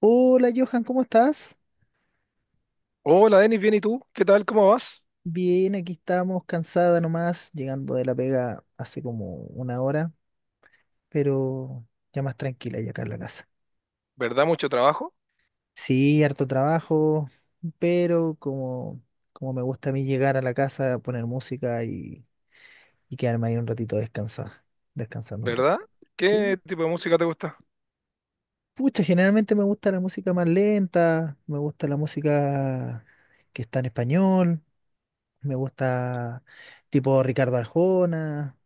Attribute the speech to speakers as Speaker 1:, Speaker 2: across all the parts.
Speaker 1: Hola Johan, ¿cómo estás?
Speaker 2: Hola Denis, bien, ¿y tú? ¿Qué tal? ¿Cómo vas?
Speaker 1: Bien, aquí estamos, cansada nomás, llegando de la pega hace como una hora, pero ya más tranquila ya acá en la casa.
Speaker 2: ¿Verdad? Mucho trabajo,
Speaker 1: Sí, harto trabajo, pero como, como me gusta a mí llegar a la casa, poner música y quedarme ahí un ratito descansar, descansando un rato.
Speaker 2: ¿verdad?
Speaker 1: Sí,
Speaker 2: ¿Qué tipo de música te gusta?
Speaker 1: pucha, generalmente me gusta la música más lenta, me gusta la música que está en español. Me gusta tipo Ricardo Arjona,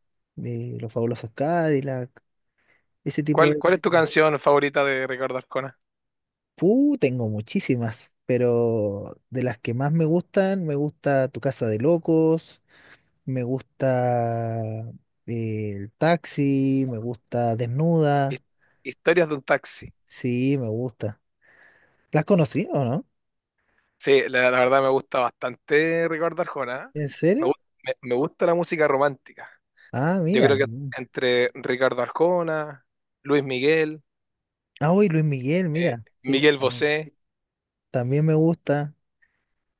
Speaker 1: Los Fabulosos Cadillac, ese tipo
Speaker 2: ¿Cuál,
Speaker 1: de
Speaker 2: cuál es tu
Speaker 1: canciones.
Speaker 2: canción favorita de Ricardo Arjona?
Speaker 1: Tengo muchísimas, pero de las que más me gustan, me gusta Tu Casa de Locos, me gusta El Taxi, me gusta
Speaker 2: His-
Speaker 1: Desnuda,
Speaker 2: Historias de un taxi.
Speaker 1: sí, me gusta. ¿Las conocí o no?
Speaker 2: Sí, la verdad me gusta bastante Ricardo Arjona, ¿eh?
Speaker 1: ¿En
Speaker 2: Me, gu-
Speaker 1: serio?
Speaker 2: me gusta la música romántica.
Speaker 1: Ah,
Speaker 2: Yo
Speaker 1: mira.
Speaker 2: creo que
Speaker 1: Mm.
Speaker 2: entre Ricardo Arjona, Luis Miguel,
Speaker 1: Ah, uy, Luis Miguel, mira. Sí,
Speaker 2: Miguel
Speaker 1: tam-
Speaker 2: Bosé,
Speaker 1: también me gusta.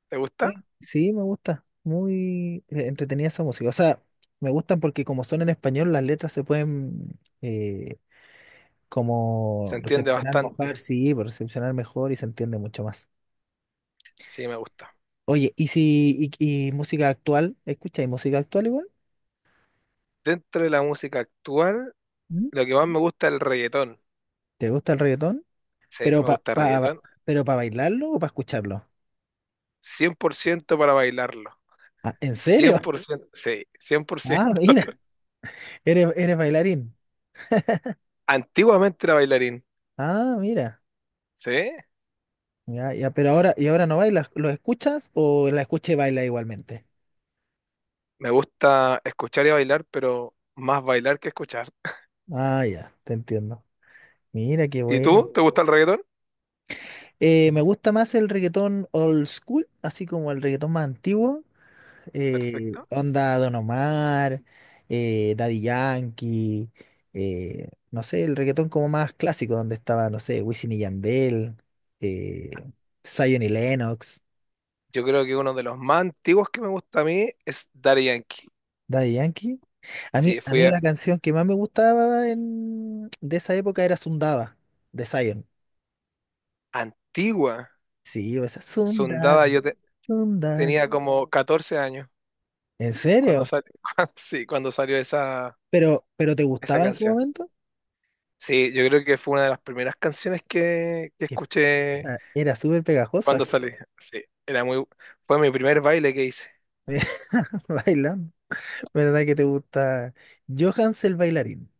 Speaker 2: ¿te gusta?
Speaker 1: Sí, sí, me gusta. Muy entretenida esa música. O sea, me gustan porque como son en español, las letras se pueden
Speaker 2: Se
Speaker 1: como
Speaker 2: entiende
Speaker 1: recepcionar mejor,
Speaker 2: bastante.
Speaker 1: sí, pues, recepcionar mejor y se entiende mucho más.
Speaker 2: Sí, me gusta.
Speaker 1: Oye, ¿y si y, y música actual? ¿Escucháis música actual igual?
Speaker 2: Dentro de la música actual,
Speaker 1: ¿Mm?
Speaker 2: lo que más me gusta es el reggaetón.
Speaker 1: ¿Te gusta el reggaetón?
Speaker 2: Sí,
Speaker 1: ¿Pero
Speaker 2: me
Speaker 1: para
Speaker 2: gusta el
Speaker 1: pa, pa-
Speaker 2: reggaetón.
Speaker 1: pero para bailarlo o para escucharlo?
Speaker 2: 100% para bailarlo.
Speaker 1: Ah, ¿en
Speaker 2: cien
Speaker 1: serio?
Speaker 2: por ciento sí, 100%.
Speaker 1: Ah, mira, eres, eres bailarín.
Speaker 2: Antiguamente era bailarín,
Speaker 1: Ah, mira.
Speaker 2: ¿sí?
Speaker 1: Ya, ya, pero ahora, ¿y ahora no bailas? ¿Lo escuchas o la escucha y baila igualmente?
Speaker 2: Me gusta escuchar y bailar, pero más bailar que escuchar.
Speaker 1: Ah, ya, te entiendo. Mira, qué
Speaker 2: ¿Y
Speaker 1: bueno.
Speaker 2: tú? ¿Te gusta el reggaetón?
Speaker 1: Me gusta más el reggaetón old school, así como el reggaetón más antiguo.
Speaker 2: Perfecto.
Speaker 1: Onda Don Omar, Daddy Yankee, no sé, el reggaetón como más clásico, donde estaba, no sé, Wisin y Yandel, eh, Zion y Lennox,
Speaker 2: Yo creo que uno de los más antiguos que me gusta a mí es Daddy Yankee.
Speaker 1: Daddy Yankee. A mí,
Speaker 2: Sí,
Speaker 1: a mí la canción que más me gustaba de esa época era Sundaba, de Zion.
Speaker 2: antigua,
Speaker 1: Sí, esa
Speaker 2: sondada.
Speaker 1: Sundada, Sundada.
Speaker 2: Tenía como 14 años
Speaker 1: ¿En
Speaker 2: cuando
Speaker 1: serio?
Speaker 2: salió, sí, cuando salió esa,
Speaker 1: Pero ¿te
Speaker 2: esa
Speaker 1: gustaba en su
Speaker 2: canción.
Speaker 1: momento?
Speaker 2: Sí, yo creo que fue una de las primeras canciones que
Speaker 1: Que-
Speaker 2: escuché.
Speaker 1: Ah, era súper pegajosa.
Speaker 2: Cuando salí, sí, fue mi primer baile que hice.
Speaker 1: Bailando. ¿Verdad que te gusta? Johans el bailarín.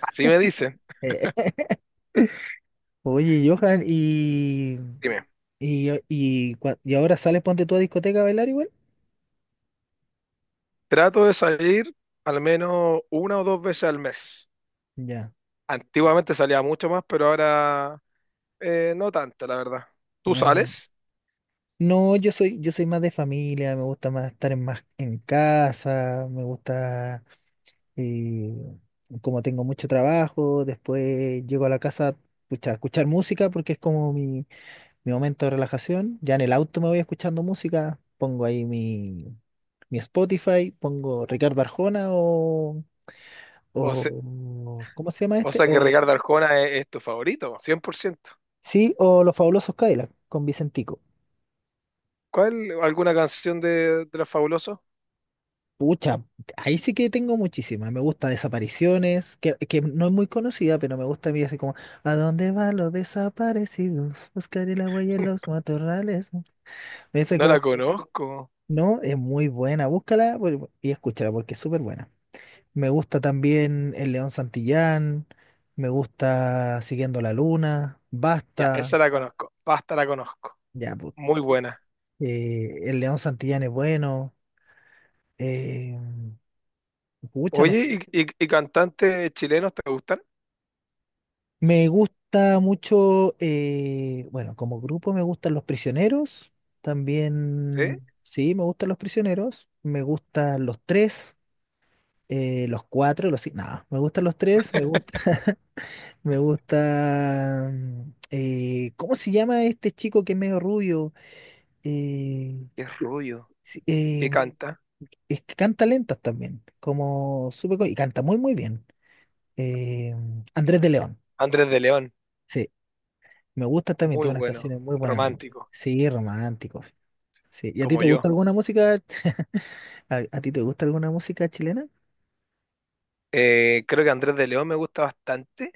Speaker 2: Así me dicen.
Speaker 1: Eh, oye, Johan, y,
Speaker 2: Dime,
Speaker 1: y, y, cua- y ahora sales ponte tú a discoteca a bailar igual?
Speaker 2: trato de salir al menos una o dos veces al mes.
Speaker 1: Ya.
Speaker 2: Antiguamente salía mucho más, pero ahora no tanto, la verdad. ¿Tú
Speaker 1: Ah,
Speaker 2: sales?
Speaker 1: no, yo soy más de familia, me gusta más estar en más en casa, me gusta eh, como tengo mucho trabajo, después llego a la casa pucha, a escuchar música porque es como mi momento de relajación. Ya en el auto me voy escuchando música, pongo ahí mi Spotify, pongo Ricardo Arjona
Speaker 2: O, se-
Speaker 1: o ¿cómo se llama
Speaker 2: o
Speaker 1: este?
Speaker 2: sea que
Speaker 1: O
Speaker 2: Ricardo Arjona es tu favorito, 100%.
Speaker 1: sí, o Los Fabulosos Cadillac con Vicentico.
Speaker 2: ¿Cuál? ¿Alguna canción de Los Fabulosos?
Speaker 1: Pucha, ahí sí que tengo muchísimas. Me gusta Desapariciones, que no es muy conocida, pero me gusta a mí así como ¿A dónde van los desaparecidos? Buscaré la huella en los matorrales. Me dice
Speaker 2: No la
Speaker 1: como,
Speaker 2: conozco.
Speaker 1: no, es muy buena, y escúchala porque es súper buena. Me gusta también El León Santillán, me gusta Siguiendo la Luna,
Speaker 2: Ya,
Speaker 1: Basta,
Speaker 2: esa la conozco. Basta, la conozco.
Speaker 1: ya, pues,
Speaker 2: Muy buena.
Speaker 1: El León Santillán es bueno, eh, pucha, no sé.
Speaker 2: Oye, ¿y cantantes chilenos te gustan?
Speaker 1: Me gusta mucho, bueno, como grupo me gustan Los Prisioneros,
Speaker 2: ¿Sí?
Speaker 1: también, sí, me gustan Los Prisioneros, me gustan Los Tres, Los Cuatro, los cinco, no, me gustan Los Tres, me gusta, me gusta, ¿cómo se llama este chico que es medio rubio? Eh,
Speaker 2: Qué rubio.
Speaker 1: sí,
Speaker 2: Que
Speaker 1: eh,
Speaker 2: canta.
Speaker 1: es que canta lentas también, como y canta muy muy bien. Eh, Andrés de León,
Speaker 2: Andrés de León,
Speaker 1: sí, me gusta también,
Speaker 2: muy
Speaker 1: tiene unas
Speaker 2: bueno,
Speaker 1: canciones muy buenas,
Speaker 2: romántico,
Speaker 1: sí, romántico, sí. ¿Y a ti
Speaker 2: como
Speaker 1: te
Speaker 2: yo.
Speaker 1: gusta alguna música? ¿A, a ti te gusta alguna música chilena?
Speaker 2: Creo que Andrés de León me gusta bastante.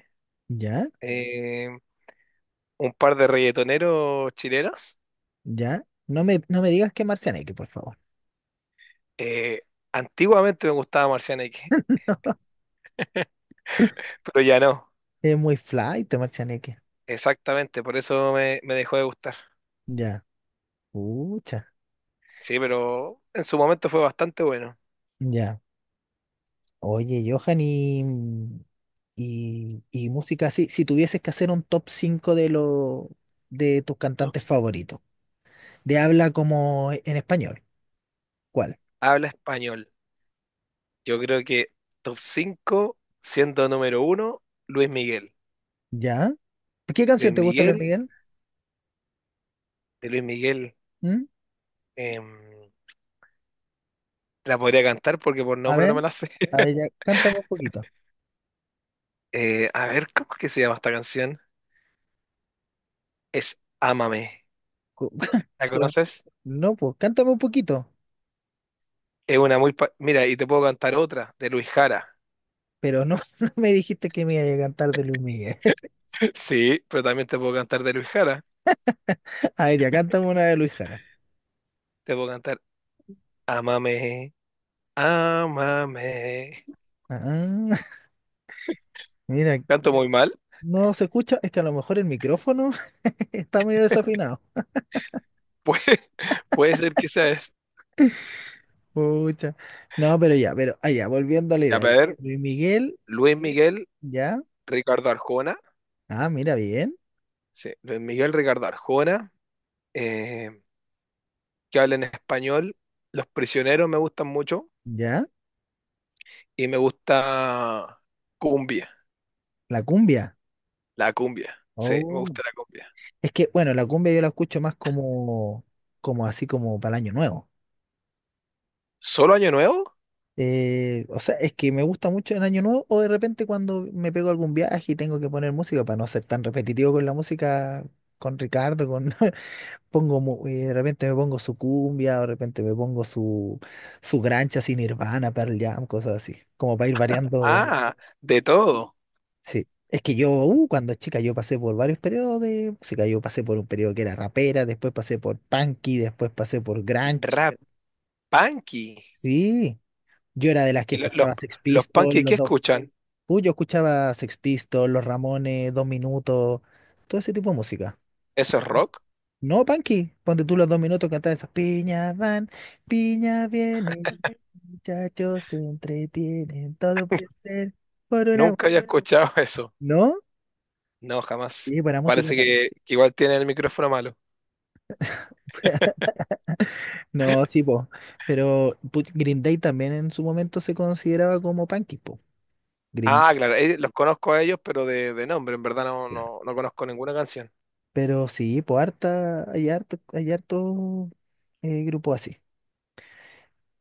Speaker 1: Ya,
Speaker 2: Eh, un par de reggaetoneros chilenos.
Speaker 1: ya. No me digas que Marcianeque, por favor.
Speaker 2: Eh, Antiguamente me gustaba Marciana X, pero ya no.
Speaker 1: Es muy fly, te Marcianeque.
Speaker 2: Exactamente, por eso me dejó de gustar.
Speaker 1: Ya, pucha,
Speaker 2: Sí, pero en su momento fue bastante bueno.
Speaker 1: ya. Oye, Johan, y música así, si tuvieses que hacer un top 5 de tus
Speaker 2: Top.
Speaker 1: cantantes favoritos, de habla como en español, ¿cuál?
Speaker 2: Habla español. Yo creo que top 5, siendo número uno, Luis Miguel.
Speaker 1: ¿Ya? ¿Qué
Speaker 2: Luis
Speaker 1: canción te gusta, Luis
Speaker 2: Miguel,
Speaker 1: Miguel?
Speaker 2: de Luis Miguel.
Speaker 1: ¿Mm?
Speaker 2: em, La podría cantar porque por
Speaker 1: A
Speaker 2: nombre no
Speaker 1: ver,
Speaker 2: me la sé.
Speaker 1: a ver, ya, cántame un poquito.
Speaker 2: A ver, ¿cómo es que se llama esta canción? Es Ámame.
Speaker 1: Cu-
Speaker 2: ¿La
Speaker 1: Pero,
Speaker 2: conoces?
Speaker 1: no, pues, cántame un poquito.
Speaker 2: Es una muy... Mira, y te puedo cantar otra, de Luis Jara.
Speaker 1: Pero no, no me dijiste que me iba a cantar de Luis Miguel.
Speaker 2: Sí, pero también te puedo cantar de Luis Jara.
Speaker 1: A ver, ya, cántame una de Luis Jara.
Speaker 2: Te puedo cantar Ámame, ámame.
Speaker 1: Ah, mira,
Speaker 2: Canto muy mal.
Speaker 1: no se escucha, es que a lo mejor el micrófono está medio desafinado.
Speaker 2: Puede, puede ser que sea eso.
Speaker 1: Pucha. No, pero ya, pero allá, volviendo a la
Speaker 2: Ya,
Speaker 1: idea.
Speaker 2: pero
Speaker 1: Ya.
Speaker 2: a ver,
Speaker 1: Luis Miguel,
Speaker 2: Luis Miguel,
Speaker 1: ya.
Speaker 2: Ricardo Arjona.
Speaker 1: Ah, mira, bien.
Speaker 2: Sí, Luis Miguel, Ricardo Arjona. eh, que habla en español. Los prisioneros me gustan mucho.
Speaker 1: Ya.
Speaker 2: Y me gusta cumbia,
Speaker 1: La cumbia.
Speaker 2: la cumbia. Sí, me
Speaker 1: Oh.
Speaker 2: gusta la cumbia.
Speaker 1: Es que, bueno, la cumbia yo la escucho más como, como así como para el año nuevo.
Speaker 2: ¿Solo Año Nuevo?
Speaker 1: O sea, es que me gusta mucho en año nuevo o de repente cuando me pego algún viaje y tengo que poner música para no ser tan repetitivo con la música, con Ricardo, con de repente me pongo su cumbia, o de repente me pongo su grancha sin Nirvana, Pearl Jam, cosas así, como para ir variando.
Speaker 2: Ah, de todo.
Speaker 1: Sí, es que yo, cuando chica, yo pasé por varios periodos de música. Yo pasé por un periodo que era rapera, después pasé por punky, después pasé por grunge.
Speaker 2: Rap, punky.
Speaker 1: Sí, yo era de las que
Speaker 2: ¿Y lo- los,
Speaker 1: escuchaba Sex
Speaker 2: los
Speaker 1: Pistols,
Speaker 2: punky qué
Speaker 1: los dos.
Speaker 2: escuchan?
Speaker 1: Yo escuchaba Sex Pistols, Los Ramones, Dos Minutos, todo ese tipo de música.
Speaker 2: ¿Eso es rock?
Speaker 1: No, punky, ponte tú los Dos Minutos cantar esas. Piña van, piña vienen, muchachos se entretienen, todo puede ser por una.
Speaker 2: Nunca había escuchado eso.
Speaker 1: ¿No?
Speaker 2: No, jamás.
Speaker 1: Sí, para música.
Speaker 2: Parece que igual tienen el micrófono malo.
Speaker 1: No, sí, po. Green Day también en su momento se consideraba como punky, po. Green
Speaker 2: Ah,
Speaker 1: Day,
Speaker 2: claro, los conozco a ellos, pero de nombre, en verdad no,
Speaker 1: claro.
Speaker 2: no, no conozco ninguna canción.
Speaker 1: Pero sí, po, hay harto grupo así.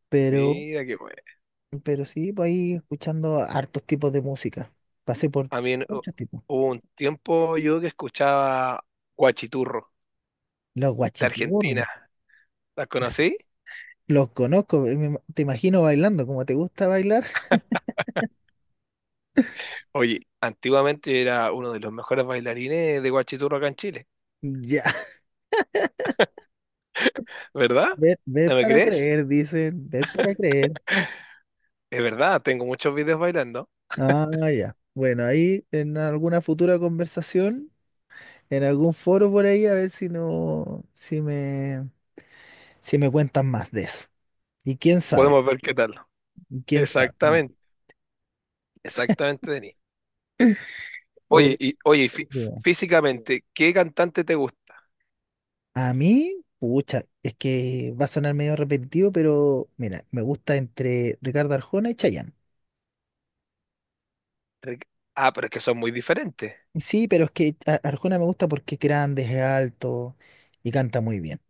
Speaker 1: Pero,
Speaker 2: Mira qué bueno.
Speaker 1: pero sí, pues ahí escuchando hartos tipos de música. Pasé por
Speaker 2: A mí en- hu-
Speaker 1: muchos tipos.
Speaker 2: Hubo un tiempo yo que escuchaba Guachiturro
Speaker 1: Los
Speaker 2: de Argentina.
Speaker 1: guachiturros,
Speaker 2: ¿Las conocí?
Speaker 1: los conozco. Te imagino bailando, como te gusta bailar.
Speaker 2: Oye, antiguamente era uno de los mejores bailarines de Guachiturro acá en Chile,
Speaker 1: Ya,
Speaker 2: ¿verdad?
Speaker 1: ver, ver
Speaker 2: ¿No me
Speaker 1: para
Speaker 2: crees?
Speaker 1: creer, dicen, ver para creer.
Speaker 2: Es verdad, tengo muchos videos bailando.
Speaker 1: Ah, ya. Bueno, ahí en alguna futura conversación. En algún foro por ahí a ver si no, si me cuentan más de eso. Y quién sabe,
Speaker 2: Podemos ver qué tal.
Speaker 1: y quién sabe.
Speaker 2: Exactamente, exactamente, Denis.
Speaker 1: Oh,
Speaker 2: Oye,
Speaker 1: yeah.
Speaker 2: físicamente, ¿qué cantante te gusta?
Speaker 1: A mí, pucha, es que va a sonar medio repetitivo, pero mira, me gusta entre Ricardo Arjona y Chayanne.
Speaker 2: Ric- Ah, pero es que son muy diferentes.
Speaker 1: Sí, pero es que Arjona me gusta porque es grande, es alto y canta muy bien.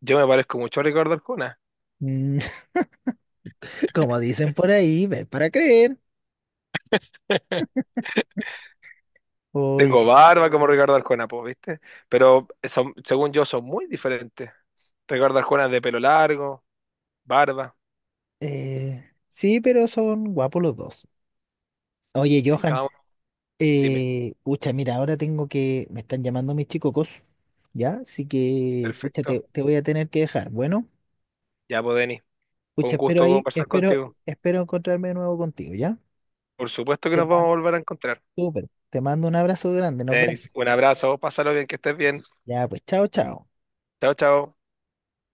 Speaker 2: Yo me parezco mucho a Ricardo Arjona.
Speaker 1: Mm, como dicen por ahí, ver para creer.
Speaker 2: Tengo
Speaker 1: Oye,
Speaker 2: barba como Ricardo Arjona, pues, ¿viste? Pero son, según yo, son muy diferentes. Ricardo Arjona es de pelo largo, barba.
Speaker 1: sí, pero son guapos los dos. Oye,
Speaker 2: Sí,
Speaker 1: Johan.
Speaker 2: cada uno. Dime.
Speaker 1: Pucha, mira, ahora tengo que, me están llamando mis chicos, ¿ya? Así que, pucha,
Speaker 2: Perfecto.
Speaker 1: te voy a tener que dejar. Bueno,
Speaker 2: Ya, pues, Denis. Fue un
Speaker 1: pucha, espero
Speaker 2: gusto
Speaker 1: ahí,
Speaker 2: conversar
Speaker 1: espero,
Speaker 2: contigo.
Speaker 1: espero encontrarme de nuevo contigo, ¿ya?
Speaker 2: Por supuesto que
Speaker 1: Te
Speaker 2: nos vamos a
Speaker 1: mando,
Speaker 2: volver a encontrar.
Speaker 1: súper, te mando un abrazo grande, nos vemos.
Speaker 2: Denis, un abrazo, pásalo bien, que estés bien.
Speaker 1: Ya, pues, chao, chao.
Speaker 2: Chao, chao.